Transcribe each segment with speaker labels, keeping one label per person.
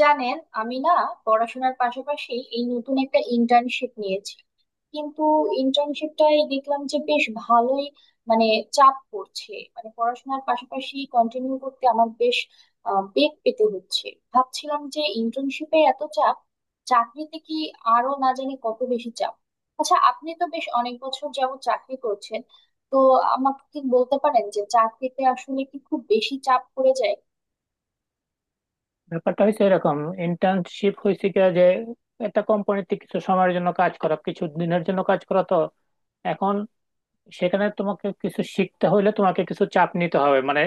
Speaker 1: জানেন, আমি না পড়াশোনার পাশাপাশি এই নতুন একটা ইন্টার্নশিপ নিয়েছি, কিন্তু ইন্টার্নশিপটাই দেখলাম যে বেশ ভালোই মানে চাপ পড়ছে, মানে পড়াশোনার পাশাপাশি কন্টিনিউ করতে আমার বেশ বেগ পেতে হচ্ছে। ভাবছিলাম যে ইন্টার্নশিপে এত চাপ, চাকরিতে কি আরো না জানি কত বেশি চাপ। আচ্ছা, আপনি তো বেশ অনেক বছর যাবত চাকরি করছেন, তো আমাকে কি বলতে পারেন যে চাকরিতে আসলে কি খুব বেশি চাপ পড়ে যায়?
Speaker 2: ব্যাপারটা হয়েছে এরকম। ইন্টার্নশিপ হয়েছে কি যে একটা কোম্পানিতে কিছু সময়ের জন্য কাজ করা, কিছু দিনের জন্য কাজ করা। তো এখন সেখানে তোমাকে কিছু শিখতে হলে তোমাকে কিছু চাপ নিতে হবে। মানে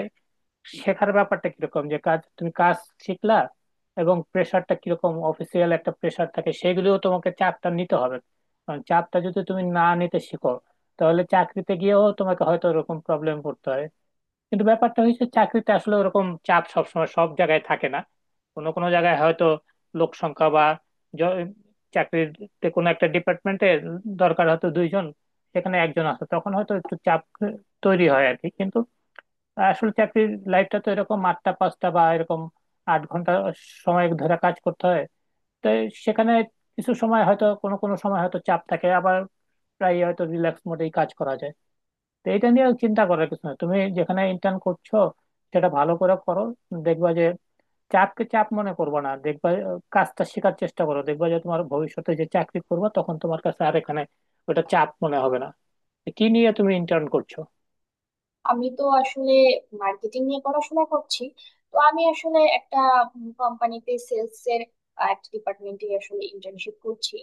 Speaker 2: শেখার ব্যাপারটা কিরকম যে তুমি কাজ শিখলা এবং প্রেশারটা কিরকম, অফিসিয়াল একটা প্রেশার থাকে, সেগুলিও তোমাকে চাপটা নিতে হবে। কারণ চাপটা যদি তুমি না নিতে শিখো, তাহলে চাকরিতে গিয়েও তোমাকে হয়তো এরকম প্রবলেম পড়তে হয়। কিন্তু ব্যাপারটা হচ্ছে, চাকরিতে আসলে ওরকম চাপ সবসময় সব জায়গায় থাকে না। কোনো কোনো জায়গায় হয়তো লোক সংখ্যা বা জ- চাকরিতে কোনো একটা ডিপার্টমেন্টে দরকার হয়তো দুইজন, সেখানে একজন আছে, তখন হয়তো একটু চাপ তৈরি হয় আর কি। কিন্তু আসলে চাকরির লাইফটা তো এরকম 8টা-5টা, বা এরকম 8 ঘন্টা সময় ধরে কাজ করতে হয়। তো সেখানে কিছু সময় হয়তো, কোনো কোনো সময় হয়তো চাপ থাকে, আবার প্রায় হয়তো রিল্যাক্স মোডেই কাজ করা যায়। তো এটা নিয়ে চিন্তা করার কিছু না, তুমি যেখানে ইন্টার্ন করছো সেটা ভালো করে করো। দেখবা যে চাপকে চাপ মনে করবে না। দেখবা, কাজটা শেখার চেষ্টা করো। দেখবা যে তোমার ভবিষ্যতে যে চাকরি করবে তখন তোমার কাছে আর এখানে ওটা চাপ মনে হবে না। তো কি নিয়ে তুমি ইন্টার্ন করছো?
Speaker 1: আমি তো আসলে মার্কেটিং নিয়ে পড়াশোনা করছি। তো আমি আসলে একটা কোম্পানিতে সেলস এর একটা ডিপার্টমেন্টে আসলে ইন্টার্নশিপ করছি।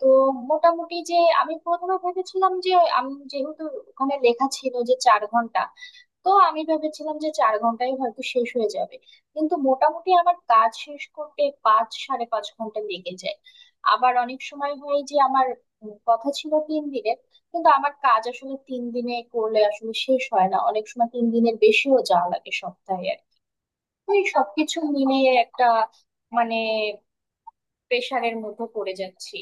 Speaker 1: তো মোটামুটি যে আমি প্রথমে ভেবেছিলাম যে আমি যেহেতু ওখানে লেখা ছিল যে চার ঘন্টা, তো আমি ভেবেছিলাম যে চার ঘন্টায় হয়তো শেষ হয়ে যাবে। কিন্তু মোটামুটি আমার কাজ শেষ করতে পাঁচ সাড়ে পাঁচ ঘন্টা লেগে যায়। আবার অনেক সময় হয় যে আমার কথা ছিল তিন দিনের, কিন্তু আমার কাজ আসলে তিন দিনে করলে আসলে শেষ হয় না, অনেক সময় তিন দিনের বেশিও যাওয়া লাগে সপ্তাহে আর কি। তো এই সবকিছু মিলিয়ে একটা মানে প্রেশারের মধ্যে পড়ে যাচ্ছি।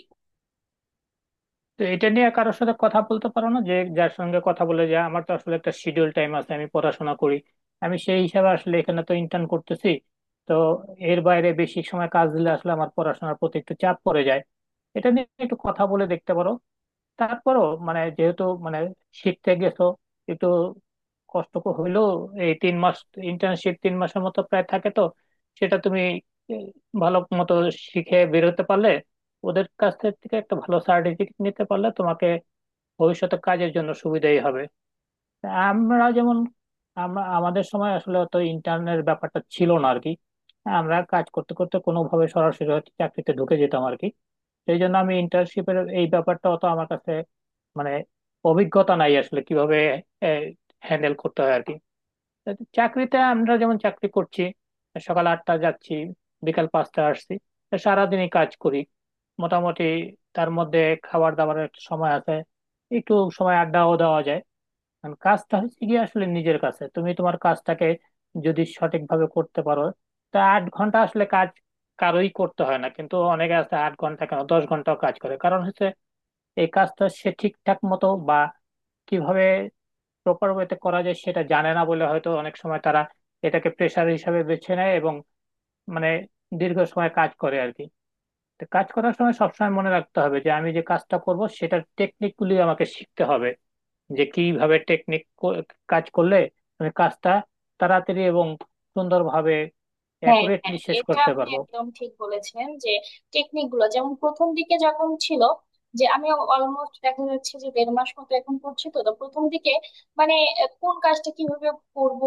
Speaker 2: তো এটা নিয়ে কারোর সাথে কথা বলতে পারো না, যে যার সঙ্গে কথা বলে যে আমার তো আসলে একটা শিডিউল টাইম আছে, আমি পড়াশোনা করি, আমি সেই হিসাবে আসলে এখানে তো ইন্টার্ন করতেছি। তো এর বাইরে বেশি সময় কাজ দিলে আসলে আমার পড়াশোনার প্রতি একটু চাপ পড়ে যায়। এটা নিয়ে একটু কথা বলে দেখতে পারো। তারপরও মানে, যেহেতু মানে শিখতে গেছো, একটু কষ্ট হইলেও এই 3 মাস। ইন্টার্নশিপ 3 মাসের মতো প্রায় থাকে, তো সেটা তুমি এই, ভালো মতো শিখে বেরোতে পারলে, ওদের কাছ থেকে একটা ভালো সার্টিফিকেট নিতে পারলে তোমাকে ভবিষ্যতে কাজের জন্য সুবিধাই হবে। আমরা যেমন আমরা আমাদের সময় আসলে অত ইন্টার্নের ব্যাপারটা ছিল না আর কি। আমরা কাজ করতে করতে কোনোভাবে সরাসরি হয়তো চাকরিতে ঢুকে যেতাম আর কি। সেই জন্য আমি ইন্টার্নশিপের এই ব্যাপারটা অত আমার কাছে মানে অভিজ্ঞতা নাই, আসলে কিভাবে হ্যান্ডেল করতে হয় আর কি। চাকরিতে আমরা যেমন চাকরি করছি, সকাল 8টা যাচ্ছি, বিকাল 5টা আসছি, তা সারাদিনই কাজ করি মোটামুটি। তার মধ্যে খাবার দাবারের একটা সময় আছে, একটু সময় আড্ডাও দেওয়া যায়। কারণ কাজটা হচ্ছে কি, আসলে নিজের কাছে তুমি তোমার কাজটাকে যদি সঠিকভাবে করতে পারো, তা 8 ঘন্টা আসলে কাজ কারোই করতে হয় না। কিন্তু অনেকে আছে, 8 ঘন্টা কেন 10 ঘন্টাও কাজ করে। কারণ হচ্ছে এই কাজটা সে ঠিকঠাক মতো বা কিভাবে প্রপার ওয়েতে করা যায় সেটা জানে না বলে হয়তো অনেক সময় তারা এটাকে প্রেশার হিসাবে বেছে নেয় এবং মানে দীর্ঘ সময় কাজ করে আর কি। তো কাজ করার সময় সবসময় মনে রাখতে হবে যে আমি যে কাজটা করব সেটার টেকনিকগুলি আমাকে শিখতে হবে, যে কিভাবে টেকনিক কাজ করলে আমি কাজটা তাড়াতাড়ি এবং সুন্দরভাবে
Speaker 1: হ্যাঁ,
Speaker 2: অ্যাকুরেটলি
Speaker 1: হ্যাঁ,
Speaker 2: শেষ
Speaker 1: এটা
Speaker 2: করতে
Speaker 1: আপনি
Speaker 2: পারবো।
Speaker 1: একদম ঠিক বলেছেন যে টেকনিক গুলো যেমন প্রথম দিকে যখন ছিল, যে আমি অলমোস্ট দেখা যাচ্ছে যে দেড় মাস মতো এখন করছি, তো তো প্রথম দিকে মানে কোন কাজটা কিভাবে করব,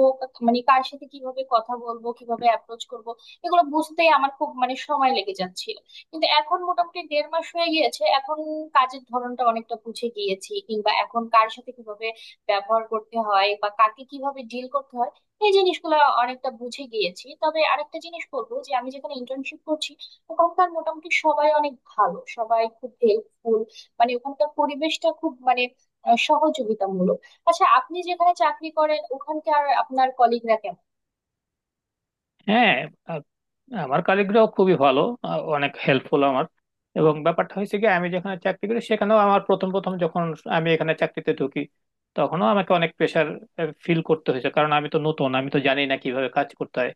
Speaker 1: মানে কার সাথে কিভাবে কথা বলবো, কিভাবে অ্যাপ্রোচ করব, এগুলো বুঝতেই আমার খুব মানে সময় লেগে যাচ্ছিল। কিন্তু এখন মোটামুটি দেড় মাস হয়ে গিয়েছে, এখন কাজের ধরনটা অনেকটা বুঝে গিয়েছি, কিংবা এখন কার সাথে কিভাবে ব্যবহার করতে হয় বা কাকে কিভাবে ডিল করতে হয় এই জিনিসগুলো অনেকটা বুঝে গিয়েছি। তবে আরেকটা জিনিস বলবো যে আমি যেখানে ইন্টার্নশিপ করছি ওখানকার মোটামুটি সবাই অনেক ভালো, সবাই খুব হেল্পফুল, মানে ওখানকার পরিবেশটা খুব মানে সহযোগিতামূলক। আচ্ছা, আপনি যেখানে চাকরি করেন ওখানকার আপনার কলিগরা কেমন?
Speaker 2: হ্যাঁ। আ- আমার কলিগরাও খুবই ভালো, অনেক হেল্পফুল আমার। এবং ব্যাপারটা হয়েছে কি, আমি যেখানে চাকরি করি সেখানেও আমার প্রথম প্রথম যখন আমি এখানে চাকরিতে ঢুকি তখনও আমাকে অনেক প্রেশার ফিল করতে হয়েছে। কারণ আমি তো নতুন, আমি তো জানি না কিভাবে কাজ করতে হয়।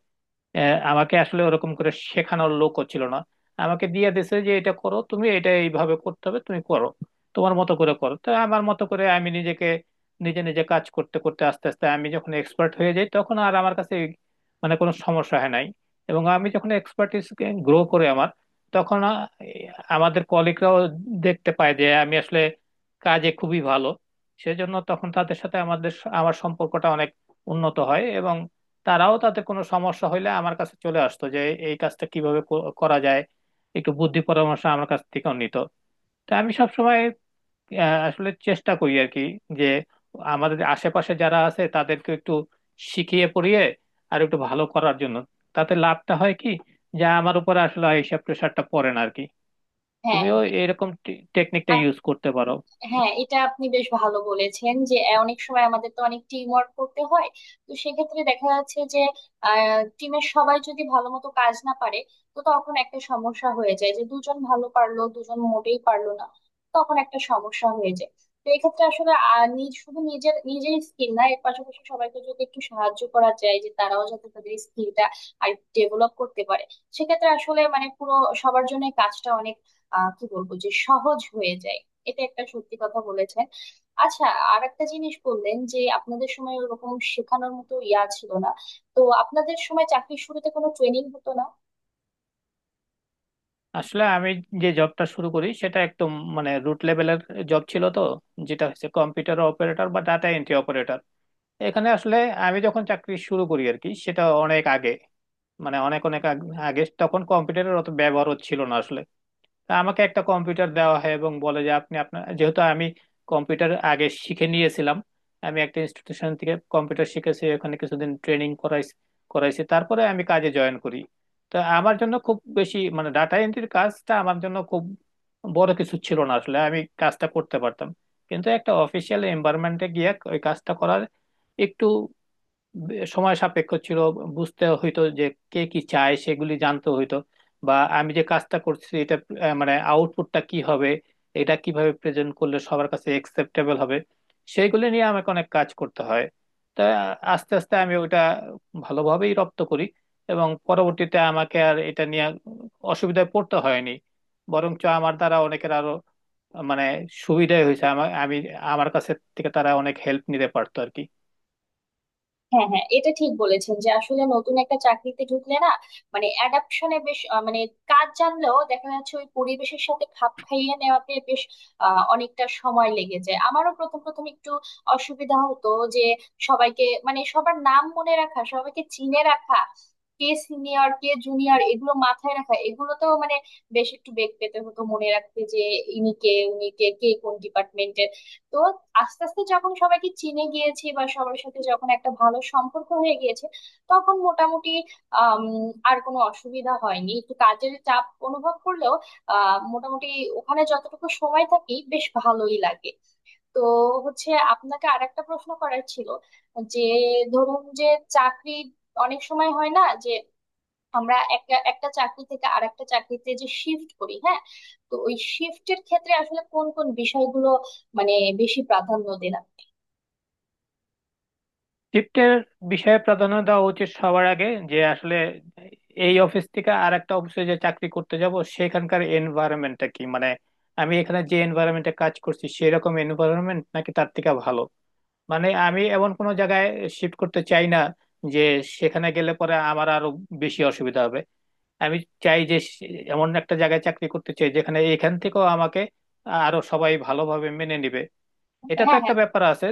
Speaker 2: আমাকে আসলে ওরকম করে শেখানোর লোকও ছিল না। আমাকে দিয়ে দিছে যে এটা করো, তুমি এটা এইভাবে করতে হবে, তুমি করো, তোমার মতো করে করো। তো আমার মতো করে আমি নিজেকে, নিজে নিজে কাজ করতে করতে আস্তে আস্তে আমি যখন এক্সপার্ট হয়ে যাই তখন আর আমার কাছে এই মানে কোনো সমস্যা হয় নাই। এবং আমি যখন এক্সপার্টিস গ্রো করে আমার তখন আমাদের কলিগরাও দেখতে পায় যে আমি আসলে কাজে খুবই ভালো। সেজন্য তখন তাদের সাথে আমার সম্পর্কটা অনেক উন্নত হয় এবং তারাও, তাতে কোনো সমস্যা হইলে আমার কাছে চলে আসতো, যে এই কাজটা কিভাবে করা যায়, একটু বুদ্ধি পরামর্শ আমার কাছ থেকেও নিত। তো আমি সবসময় আসলে চেষ্টা করি আর কি, যে আমাদের আশেপাশে যারা আছে তাদেরকে একটু শিখিয়ে পড়িয়ে আর একটু ভালো করার জন্য। তাতে লাভটা হয় কি, যা আমার উপর আসলে এইসব প্রেশারটা পড়ে না আর কি।
Speaker 1: হ্যাঁ,
Speaker 2: তুমিও এরকম টেকনিকটা ইউজ করতে পারো।
Speaker 1: হ্যাঁ, এটা আপনি বেশ ভালো বলেছেন যে অনেক সময় আমাদের তো অনেক টিম ওয়ার্ক করতে হয়। তো সেক্ষেত্রে দেখা যাচ্ছে যে টিমের সবাই যদি ভালো মতো কাজ না পারে, তো তখন একটা সমস্যা হয়ে যায় যে দুজন ভালো পারলো দুজন মোটেই পারলো না, তখন একটা সমস্যা হয়ে যায়। তো এক্ষেত্রে আসলে নিজ শুধু নিজের নিজের স্কিল না, এর পাশাপাশি সবাইকে যদি একটু সাহায্য করা যায় যে তারাও যাতে তাদের স্কিলটা আর ডেভেলপ করতে পারে, সেক্ষেত্রে আসলে মানে পুরো সবার জন্য কাজটা অনেক কি বলবো যে সহজ হয়ে যায়। এটা একটা সত্যি কথা বলেছেন। আচ্ছা, আর একটা জিনিস বললেন যে আপনাদের সময় ওরকম শেখানোর মতো ইয়া ছিল না, তো আপনাদের সময় চাকরির শুরুতে কোনো ট্রেনিং হতো না?
Speaker 2: আসলে আমি যে জবটা শুরু করি সেটা একদম মানে রুট লেভেলের জব ছিল, তো যেটা হচ্ছে কম্পিউটার অপারেটর বা ডাটা এন্ট্রি অপারেটর। এখানে আসলে আমি যখন চাকরি শুরু করি আর কি সেটা অনেক আগে, মানে অনেক অনেক আগে তখন কম্পিউটারের অত ব্যবহারও ছিল না আসলে। তা আমাকে একটা কম্পিউটার দেওয়া হয় এবং বলে যে আপনি আপনার, যেহেতু আমি কম্পিউটার আগে শিখে নিয়েছিলাম, আমি একটা ইনস্টিটিউশন থেকে কম্পিউটার শিখেছি, ওখানে কিছুদিন ট্রেনিং করাইছি করাইছি তারপরে আমি কাজে জয়েন করি। তো আমার জন্য খুব বেশি মানে ডাটা এন্ট্রির কাজটা আমার জন্য খুব বড় কিছু ছিল না, আসলে আমি কাজটা করতে পারতাম। কিন্তু একটা অফিসিয়াল এনভায়রনমেন্টে গিয়ে ওই কাজটা করার একটু সময় সাপেক্ষ ছিল। বুঝতে হইতো যে কে কি চায় সেগুলি জানতে হইতো, বা আমি যে কাজটা করছি এটা মানে আউটপুটটা কি হবে, এটা কিভাবে প্রেজেন্ট করলে সবার কাছে একসেপ্টেবল হবে, সেইগুলি নিয়ে আমাকে অনেক কাজ করতে হয়। তা আস্তে আস্তে আমি ওটা ভালোভাবেই রপ্ত করি এবং পরবর্তীতে আমাকে আর এটা নিয়ে অসুবিধায় পড়তে হয়নি। বরঞ্চ আমার দ্বারা অনেকের আরো মানে সুবিধাই হয়েছে, আমি আমার কাছে থেকে তারা অনেক হেল্প নিতে পারতো আর কি।
Speaker 1: হ্যাঁ, হ্যাঁ, এটা ঠিক বলেছেন যে আসলে নতুন একটা চাকরিতে ঢুকলে না, মানে অ্যাডাপশনে বেশ মানে কাজ জানলেও দেখা যাচ্ছে ওই পরিবেশের সাথে খাপ খাইয়ে নেওয়াতে বেশ অনেকটা সময় লেগে যায়। আমারও প্রথম প্রথম একটু অসুবিধা হতো যে সবাইকে মানে সবার নাম মনে রাখা, সবাইকে চিনে রাখা, কে সিনিয়র কে জুনিয়র এগুলো মাথায় রাখা, এগুলোতেও মানে বেশ একটু বেগ পেতে হতো মনে রাখতে যে ইনি কে উনি কে, কে কোন ডিপার্টমেন্টের। তো আস্তে আস্তে যখন সবাইকে চিনে গিয়েছি বা সবার সাথে যখন একটা ভালো সম্পর্ক হয়ে গিয়েছে, তখন মোটামুটি আম, আর কোনো অসুবিধা হয়নি, একটু কাজের চাপ অনুভব করলেও মোটামুটি ওখানে যতটুকু সময় থাকি বেশ ভালোই লাগে। তো হচ্ছে আপনাকে আর একটা প্রশ্ন করার ছিল, যে ধরুন যে চাকরি অনেক সময় হয় না যে আমরা একটা একটা চাকরি থেকে আরেকটা চাকরিতে যে শিফট করি, হ্যাঁ, তো ওই শিফটের ক্ষেত্রে আসলে কোন কোন বিষয়গুলো মানে বেশি প্রাধান্য দিলাম?
Speaker 2: শিফটের বিষয়ে প্রাধান্য দেওয়া উচিত সবার আগে, যে আসলে এই অফিস থেকে আর একটা অফিসে যে চাকরি করতে যাব সেখানকার এনভায়রনমেন্টটা কি, মানে আমি এখানে যে এনভায়রনমেন্টে কাজ করছি সেরকম এনভায়রনমেন্ট নাকি তার থেকে ভালো। মানে আমি এমন কোনো জায়গায় শিফট করতে চাই না যে সেখানে গেলে পরে আমার আরো বেশি অসুবিধা হবে। আমি চাই যে এমন একটা জায়গায় চাকরি করতে চাই যেখানে এখান থেকেও আমাকে আরো সবাই ভালোভাবে মেনে নিবে, এটা তো
Speaker 1: হ্যাঁ,
Speaker 2: একটা
Speaker 1: হ্যাঁ,
Speaker 2: ব্যাপার আছে।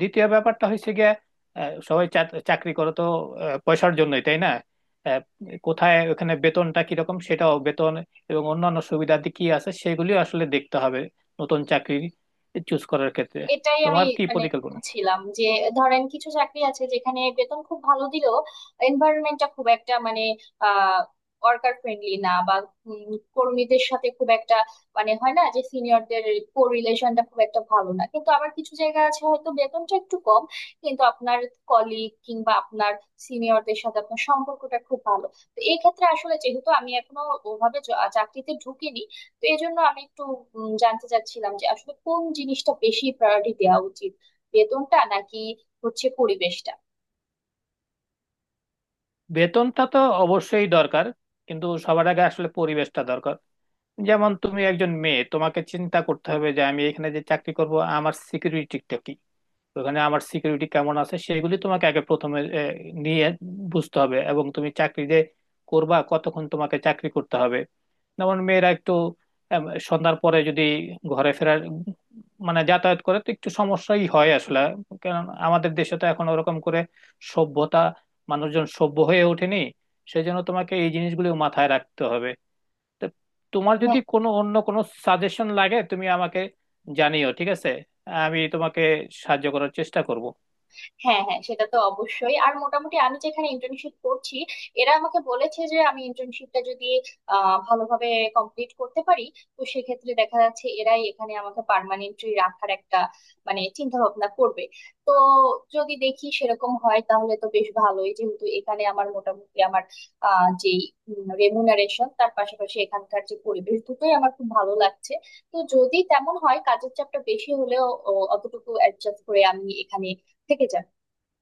Speaker 2: দ্বিতীয় ব্যাপারটা হচ্ছে গিয়া, সবাই চাকরি করো তো পয়সার জন্যই, তাই না। আহ, কোথায় ওখানে বেতনটা কিরকম, সেটাও বেতন এবং অন্যান্য সুবিধাদি কি আছে সেগুলিও আসলে দেখতে হবে নতুন চাকরি চুজ করার ক্ষেত্রে।
Speaker 1: এটাই আমি
Speaker 2: তোমার কি
Speaker 1: মানে
Speaker 2: পরিকল্পনা?
Speaker 1: বলছিলাম যে ধরেন কিছু চাকরি আছে যেখানে বেতন খুব ভালো দিলেও এনভায়রনমেন্টটা খুব একটা মানে আহ ওয়ার্কার ফ্রেন্ডলি না, বা কর্মীদের সাথে খুব একটা মানে হয় না যে সিনিয়রদের কো রিলেশনটা খুব একটা ভালো না। কিন্তু আবার কিছু জায়গা আছে হয়তো বেতনটা একটু কম, কিন্তু আপনার কলিগ কিংবা আপনার সিনিয়রদের সাথে আপনার সম্পর্কটা খুব ভালো। তো এই ক্ষেত্রে আসলে যেহেতু আমি এখনো ওভাবে চাকরিতে ঢুকিনি, তো এই জন্য আমি একটু জানতে চাচ্ছিলাম যে আসলে কোন জিনিসটা বেশি প্রায়োরিটি দেওয়া উচিত, বেতনটা নাকি হচ্ছে পরিবেশটা?
Speaker 2: বেতনটা তো অবশ্যই দরকার, কিন্তু সবার আগে আসলে পরিবেশটা দরকার। যেমন তুমি একজন মেয়ে, তোমাকে চিন্তা করতে হবে যে আমি এখানে যে চাকরি করব আমার সিকিউরিটিটা কি। তো ওখানে আমার সিকিউরিটি কেমন আছে সেগুলি তোমাকে আগে প্রথমে নিয়ে বুঝতে হবে এবং তুমি চাকরি যে করবা কতক্ষণ তোমাকে চাকরি করতে হবে। যেমন মেয়েরা একটু আম, সন্ধ্যার পরে যদি ঘরে ফেরার মানে যাতায়াত করে তো একটু সমস্যাই হয় আসলে। কারণ আমাদের দেশে তো এখন ওরকম করে সভ্যতা, মানুষজন সভ্য হয়ে ওঠেনি। সেই জন্য তোমাকে এই জিনিসগুলো মাথায় রাখতে হবে। তো তোমার যদি
Speaker 1: হ্যাঁ,
Speaker 2: কোনো অন্য কোনো সাজেশন লাগে তুমি আমাকে জানিও, ঠিক আছে। আমি তোমাকে সাহায্য করার চেষ্টা করব।
Speaker 1: হ্যাঁ, হ্যাঁ, সেটা তো অবশ্যই। আর মোটামুটি আমি যেখানে ইন্টার্নশিপ করছি এরা আমাকে বলেছে যে আমি ইন্টার্নশিপটা যদি ভালোভাবে কমপ্লিট করতে পারি, তো সেক্ষেত্রে দেখা যাচ্ছে এরাই এখানে আমাকে পার্মানেন্টলি রাখার একটা মানে চিন্তা ভাবনা করবে। তো যদি দেখি সেরকম হয় তাহলে তো বেশ ভালোই, যেহেতু এখানে আমার মোটামুটি আমার যে রেমুনারেশন তার পাশাপাশি এখানকার যে পরিবেশ দুটোই আমার খুব ভালো লাগছে। তো যদি তেমন হয় কাজের চাপটা বেশি হলেও অতটুকু অ্যাডজাস্ট করে আমি এখানে থেকে যাব।